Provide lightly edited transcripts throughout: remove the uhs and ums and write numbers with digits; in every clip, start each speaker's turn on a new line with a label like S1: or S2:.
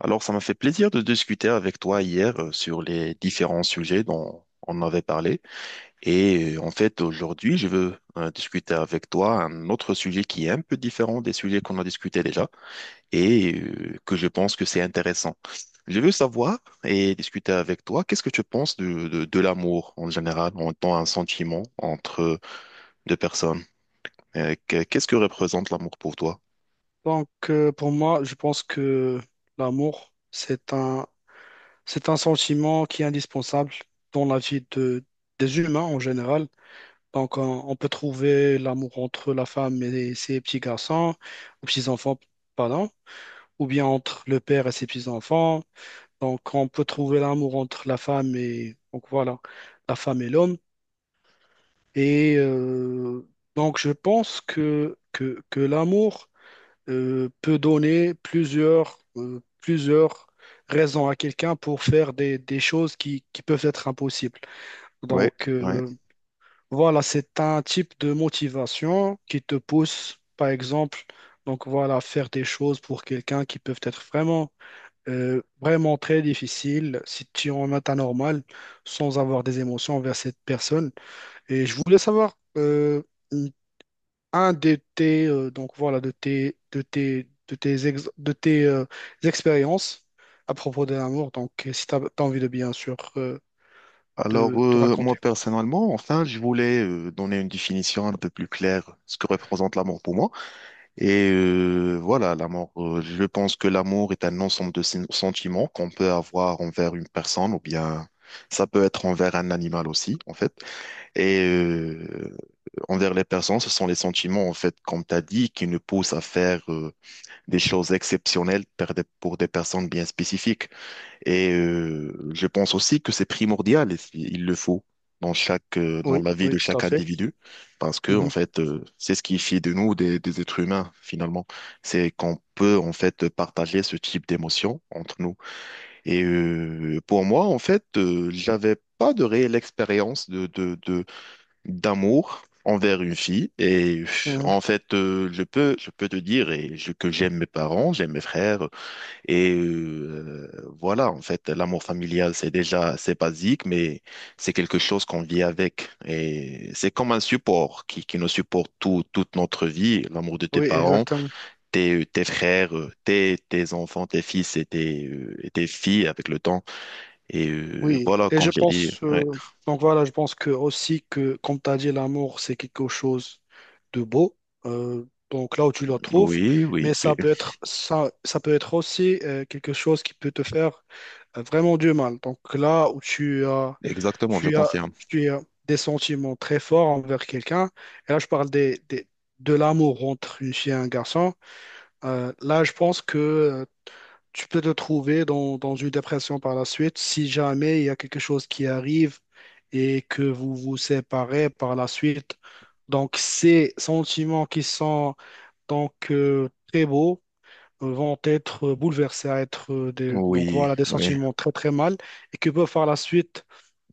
S1: Alors, ça m'a fait plaisir de discuter avec toi hier sur les différents sujets dont on avait parlé. Et en fait, aujourd'hui, je veux discuter avec toi un autre sujet qui est un peu différent des sujets qu'on a discutés déjà et que je pense que c'est intéressant. Je veux savoir et discuter avec toi, qu'est-ce que tu penses de l'amour en général, en tant un sentiment entre deux personnes? Qu'est-ce que représente l'amour pour toi?
S2: Pour moi, je pense que l'amour, c'est c'est un sentiment qui est indispensable dans la vie des humains en général. Donc, on peut trouver l'amour entre la femme et ses petits garçons, ou petits-enfants, pardon, ou bien entre le père et ses petits-enfants. Donc, on peut trouver l'amour entre la femme et, donc voilà, la femme et l'homme. Et euh, donc, je pense que l'amour peut donner plusieurs raisons à quelqu'un pour faire des choses qui peuvent être impossibles.
S1: Ouais,
S2: Donc,
S1: ouais.
S2: euh, voilà, c'est un type de motivation qui te pousse, par exemple, donc voilà, faire des choses pour quelqu'un qui peuvent être vraiment, vraiment très difficiles si tu en as un normal sans avoir des émotions envers cette personne. Et je voulais savoir. Un de donc voilà, de tes, de tes, de tes, ex- de tes expériences à propos de l'amour. Si tu as envie, de bien sûr
S1: Alors,
S2: de
S1: moi,
S2: raconter.
S1: personnellement, enfin, je voulais donner une définition un peu plus claire ce que représente l'amour pour moi. Et voilà, l'amour, je pense que l'amour est un ensemble de sentiments qu'on peut avoir envers une personne ou bien ça peut être envers un animal aussi, en fait. Et envers les personnes, ce sont les sentiments, en fait, comme tu as dit, qui nous poussent à faire des choses exceptionnelles pour des personnes bien spécifiques. Et je pense aussi que c'est primordial, et si, il le faut dans
S2: Oui,
S1: la vie
S2: oui,
S1: de
S2: tout à
S1: chaque
S2: fait.
S1: individu, parce que en
S2: Mhm.
S1: fait, c'est ce qui fait de nous des êtres humains finalement. C'est qu'on peut en fait partager ce type d'émotion entre nous. Et pour moi, en fait, j'avais pas de réelle expérience de d'amour envers une fille. Et
S2: Mhm.
S1: en fait, je peux te dire que j'aime mes parents, j'aime mes frères. Et voilà, en fait, l'amour familial, c'est déjà, c'est basique, mais c'est quelque chose qu'on vit avec. Et c'est comme un support qui nous supporte toute notre vie. L'amour de tes
S2: Oui,
S1: parents,
S2: exactement.
S1: tes frères, tes enfants, tes fils et tes filles avec le temps. Et
S2: Oui,
S1: voilà,
S2: et
S1: comme
S2: je
S1: j'ai dit,
S2: pense,
S1: ouais.
S2: donc voilà, je pense que aussi que, comme tu as dit, l'amour, c'est quelque chose de beau, donc là où tu le trouves,
S1: Oui, oui,
S2: mais
S1: oui,
S2: ça peut être, ça peut être aussi quelque chose qui peut te faire vraiment du mal. Donc là où tu as,
S1: exactement, je
S2: tu as,
S1: confirme.
S2: tu as des sentiments très forts envers quelqu'un, et là je parle des- de l'amour entre une fille et un garçon, là je pense que tu peux te trouver dans une dépression par la suite si jamais il y a quelque chose qui arrive et que vous vous séparez par la suite. Donc, ces sentiments qui sont donc très beaux vont être bouleversés à être donc
S1: Oui,
S2: voilà, des
S1: oui,
S2: sentiments très très mal et que peuvent par la suite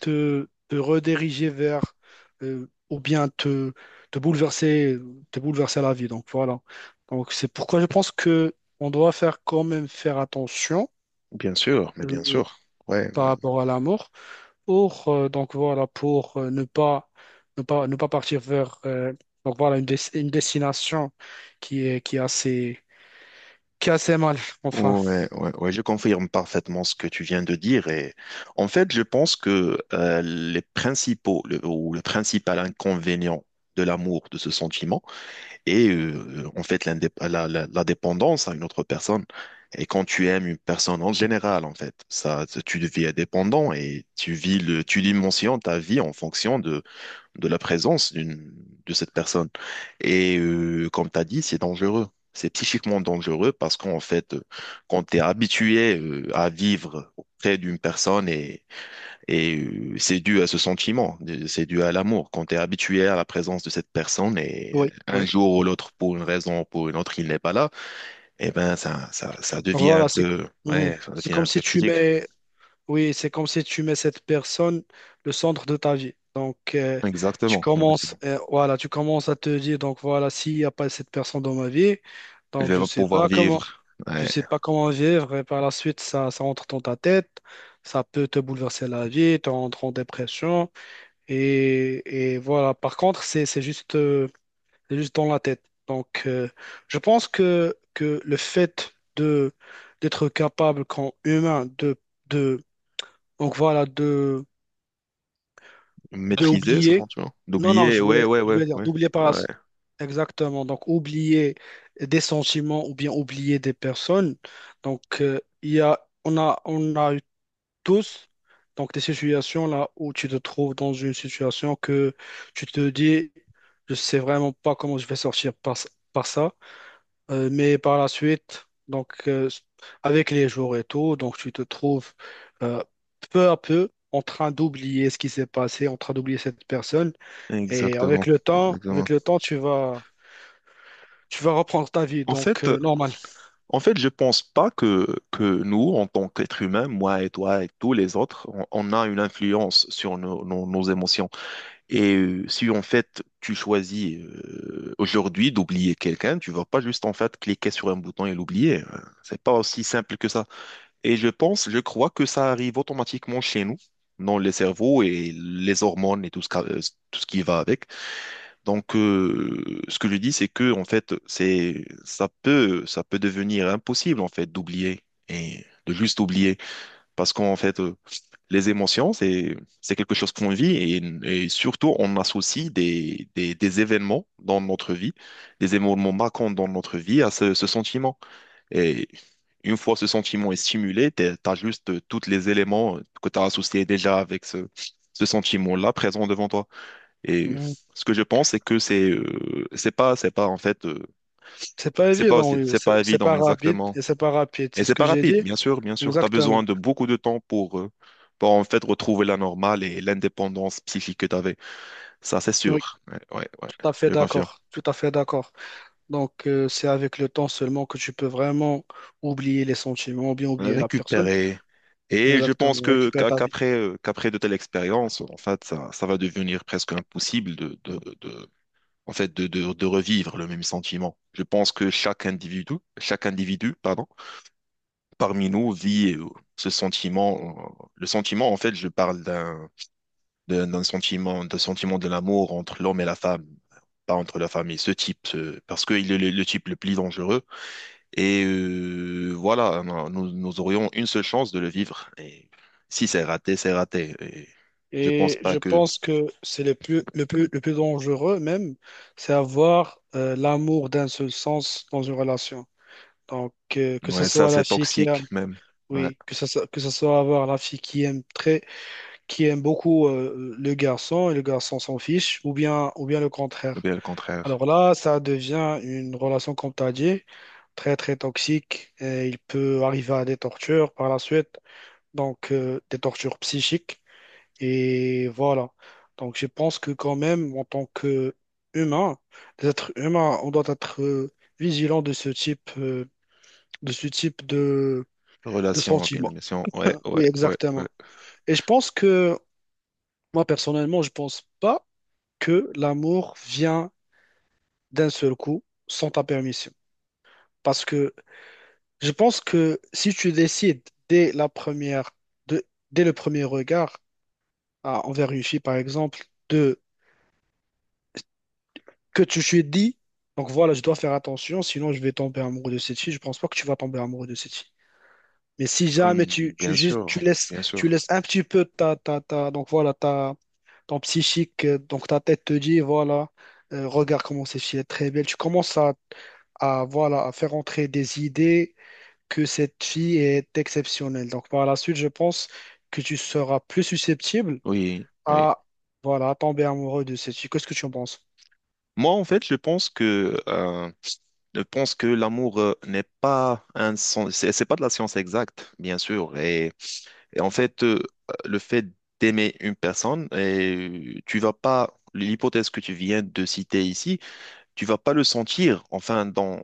S2: te, te rediriger vers ou bien te, te bouleverser, te bouleverser la vie. Donc, voilà. Donc, c'est pourquoi je pense que on doit faire quand même faire attention
S1: bien sûr, mais bien
S2: euh,
S1: sûr. Ouais,
S2: par
S1: ouais,
S2: rapport à la mort. Or, donc voilà, pour ne pas, ne pas, ne pas partir vers donc voilà, une, des- une destination qui est, qui est assez, qui est assez mal, enfin.
S1: ouais, ouais, ouais, je confirme parfaitement ce que tu viens de dire. Et en fait, je pense que les principaux le- ou le principal inconvénient de l'amour, de ce sentiment, est en fait la dépendance à une autre personne. Et quand tu aimes une personne en général, en fait, ça, tu deviens dépendant et tu dimensions ta vie en fonction de la présence de cette personne. Et comme tu as dit, c'est dangereux. C'est psychiquement dangereux parce qu'en fait, quand tu es habitué à vivre auprès d'une personne c'est dû à ce sentiment, c'est dû à l'amour. Quand tu es habitué à la présence de cette personne et
S2: Oui,
S1: un
S2: oui.
S1: jour ou l'autre, pour une raison ou pour une autre, il n'est pas là, eh ben ça
S2: Donc
S1: devient un
S2: voilà, c'est,
S1: peu,
S2: Mhm.
S1: ouais, ça
S2: C'est
S1: devient
S2: comme
S1: un
S2: si
S1: peu
S2: tu
S1: critique.
S2: mets, oui, c'est comme si tu mets cette personne le centre de ta vie. Tu
S1: Exactement.
S2: commences, voilà, tu commences à te dire, donc voilà, s'il n'y a pas cette personne dans ma vie,
S1: Je
S2: donc je
S1: vais
S2: sais
S1: pouvoir
S2: pas comment.
S1: vivre.
S2: Tu
S1: Ouais.
S2: sais pas comment vivre et par la suite, ça entre dans ta tête, ça peut te bouleverser la vie, tu entres en dépression et voilà. Par contre, c'est juste dans la tête. Je pense que le fait de d'être capable, quand humain, de, donc voilà, de
S1: Maîtriser, ça se
S2: oublier.
S1: rend, tu vois.
S2: Non, non,
S1: D'oublier, ouais, ouais,
S2: je
S1: ouais,
S2: voulais dire
S1: ouais.
S2: d'oublier par la...
S1: Ouais,
S2: Exactement. Donc, oublier des sentiments ou bien oublier des personnes. Il y a, on a, on a eu tous donc, des situations là où tu te trouves dans une situation que tu te dis, je sais vraiment pas comment je vais sortir par, par ça. Mais par la suite, avec les jours et tout, donc, tu te trouves euh, peu à peu en train d'oublier ce qui s'est passé, en train d'oublier cette personne. Et
S1: exactement,
S2: avec
S1: exactement.
S2: le temps, tu vas reprendre ta vie.
S1: En fait,
S2: Normal.
S1: je pense pas que nous, en tant qu'êtres humains, moi et toi et tous les autres, on a une influence sur nos émotions. Et si en fait tu choisis aujourd'hui d'oublier quelqu'un, tu vas pas juste en fait cliquer sur un bouton et l'oublier. C'est pas aussi simple que ça. Et je crois que ça arrive automatiquement chez nous, dans les cerveaux et les hormones et tout ce qui va avec. Donc, ce que je dis, c'est que en fait, c'est ça peut devenir impossible en fait d'oublier et de juste oublier parce qu'en fait, les émotions, c'est quelque chose qu'on vit et surtout on associe des événements dans notre vie, des événements marquants dans notre vie à ce sentiment. Et une fois ce sentiment est stimulé, t'as juste tous les éléments que tu as associés déjà avec ce sentiment-là présent devant toi. Et
S2: Mhm.
S1: ce que je pense, c'est que c'est c'est pas en fait
S2: C'est pas évident, oui.
S1: c'est pas
S2: C'est
S1: évident
S2: pas rapide
S1: exactement.
S2: et c'est pas rapide.
S1: Et
S2: C'est ce
S1: c'est
S2: que
S1: pas
S2: j'ai
S1: rapide,
S2: dit.
S1: bien sûr, bien sûr. Tu as besoin
S2: Exactement.
S1: de beaucoup de temps pour en fait retrouver la normale et l'indépendance psychique que tu avais. Ça, c'est
S2: Oui,
S1: sûr. Ouais, ouais, ouais,
S2: tout à fait
S1: je confirme.
S2: d'accord. Tout à fait d'accord. C'est avec le temps seulement que tu peux vraiment oublier les sentiments ou bien oublier la personne.
S1: Récupérer. Et je pense
S2: Exactement.
S1: que
S2: Récupérer ta vie.
S1: qu'après de telles expériences, en fait, ça va devenir presque impossible de en fait de revivre le même sentiment. Je pense que chaque individu, pardon parmi nous vit ce sentiment. Le sentiment, en fait, je parle d'un sentiment de l'amour entre l'homme et la femme, pas entre la femme et ce type, parce qu'il est le type le plus dangereux. Et voilà, non, nous aurions une seule chance de le vivre. Et si c'est raté, c'est raté. Et je pense
S2: Et
S1: pas
S2: je
S1: que.
S2: pense que c'est le plus, le plus, le plus dangereux même, c'est avoir l'amour d'un seul sens dans une relation. Que ce
S1: Ouais, ça,
S2: soit la
S1: c'est
S2: fille qui a
S1: toxique même. Ouais,
S2: Oui, que ça soit- que ça soit avoir la fille qui aime très, qui aime beaucoup le garçon et le garçon s'en fiche, ou bien le
S1: ou
S2: contraire.
S1: bien le contraire.
S2: Alors là, ça devient une relation, comme tu as dit, très très toxique et il peut arriver à des tortures par la suite, donc des tortures psychiques. Et voilà. Donc je pense que quand même, en tant que humain, des êtres humains, on doit être vigilant de ce type de ce type de
S1: Relation, bien
S2: sentiments.
S1: bien sûr. Ouais, ouais,
S2: Oui,
S1: ouais, ouais.
S2: exactement. Et je pense que, moi personnellement, je pense pas que l'amour vient d'un seul coup sans ta permission. Parce que je pense que si tu décides dès la première, de- dès le premier regard à- envers une fille, par exemple, de que tu lui dis, donc voilà, je dois faire attention, sinon je vais tomber amoureux de cette fille, je pense pas que tu vas tomber amoureux de cette fille. Mais si jamais
S1: Bien sûr, bien
S2: tu
S1: sûr.
S2: laisses un petit peu donc voilà, ta ton psychique, donc ta tête te dit, voilà, regarde comment cette fille est très belle. Tu commences voilà, à faire entrer des idées que cette fille est exceptionnelle. Donc par la suite, je pense que tu seras plus susceptible
S1: Oui, oui.
S2: à, voilà, à tomber amoureux de cette fille. Qu'est-ce que tu en penses?
S1: Moi, en fait, je pense que l'amour n'est pas un sens, c'est pas de la science exacte, bien sûr. Et en fait, le fait d'aimer une personne, et tu vas pas, l'hypothèse que tu viens de citer ici, tu vas pas le sentir, enfin,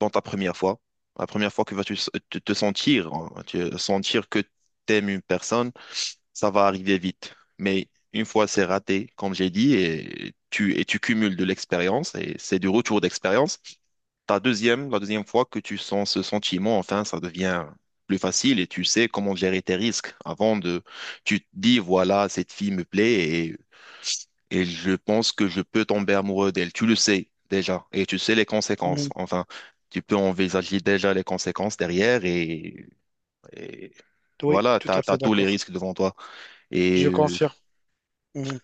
S1: dans ta première fois. La première fois que vas-tu te sentir, hein, sentir que tu aimes une personne ça va arriver vite. Mais une fois c'est raté, comme j'ai dit, et tu cumules de l'expérience, et c'est du retour d'expérience, la deuxième fois que tu sens ce sentiment, enfin, ça devient plus facile et tu sais comment gérer tes risques. Tu te dis, voilà, cette fille me plaît et, et je pense que je peux tomber amoureux d'elle. Tu le sais déjà et tu sais les conséquences.
S2: Mhm.
S1: Enfin, tu peux envisager déjà les conséquences derrière et
S2: Oui,
S1: voilà,
S2: tout à
S1: t'as
S2: fait
S1: tous les
S2: d'accord.
S1: risques devant toi.
S2: Je
S1: Et euh,
S2: confirme. Mhm.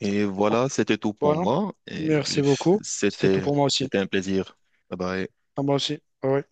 S1: Et
S2: Donc,
S1: voilà, c'était tout pour
S2: Voilà.
S1: moi. Et
S2: Merci beaucoup. C'était tout
S1: c'était,
S2: pour moi aussi.
S1: c'était un plaisir. Bye bye.
S2: À moi aussi. Ah oui.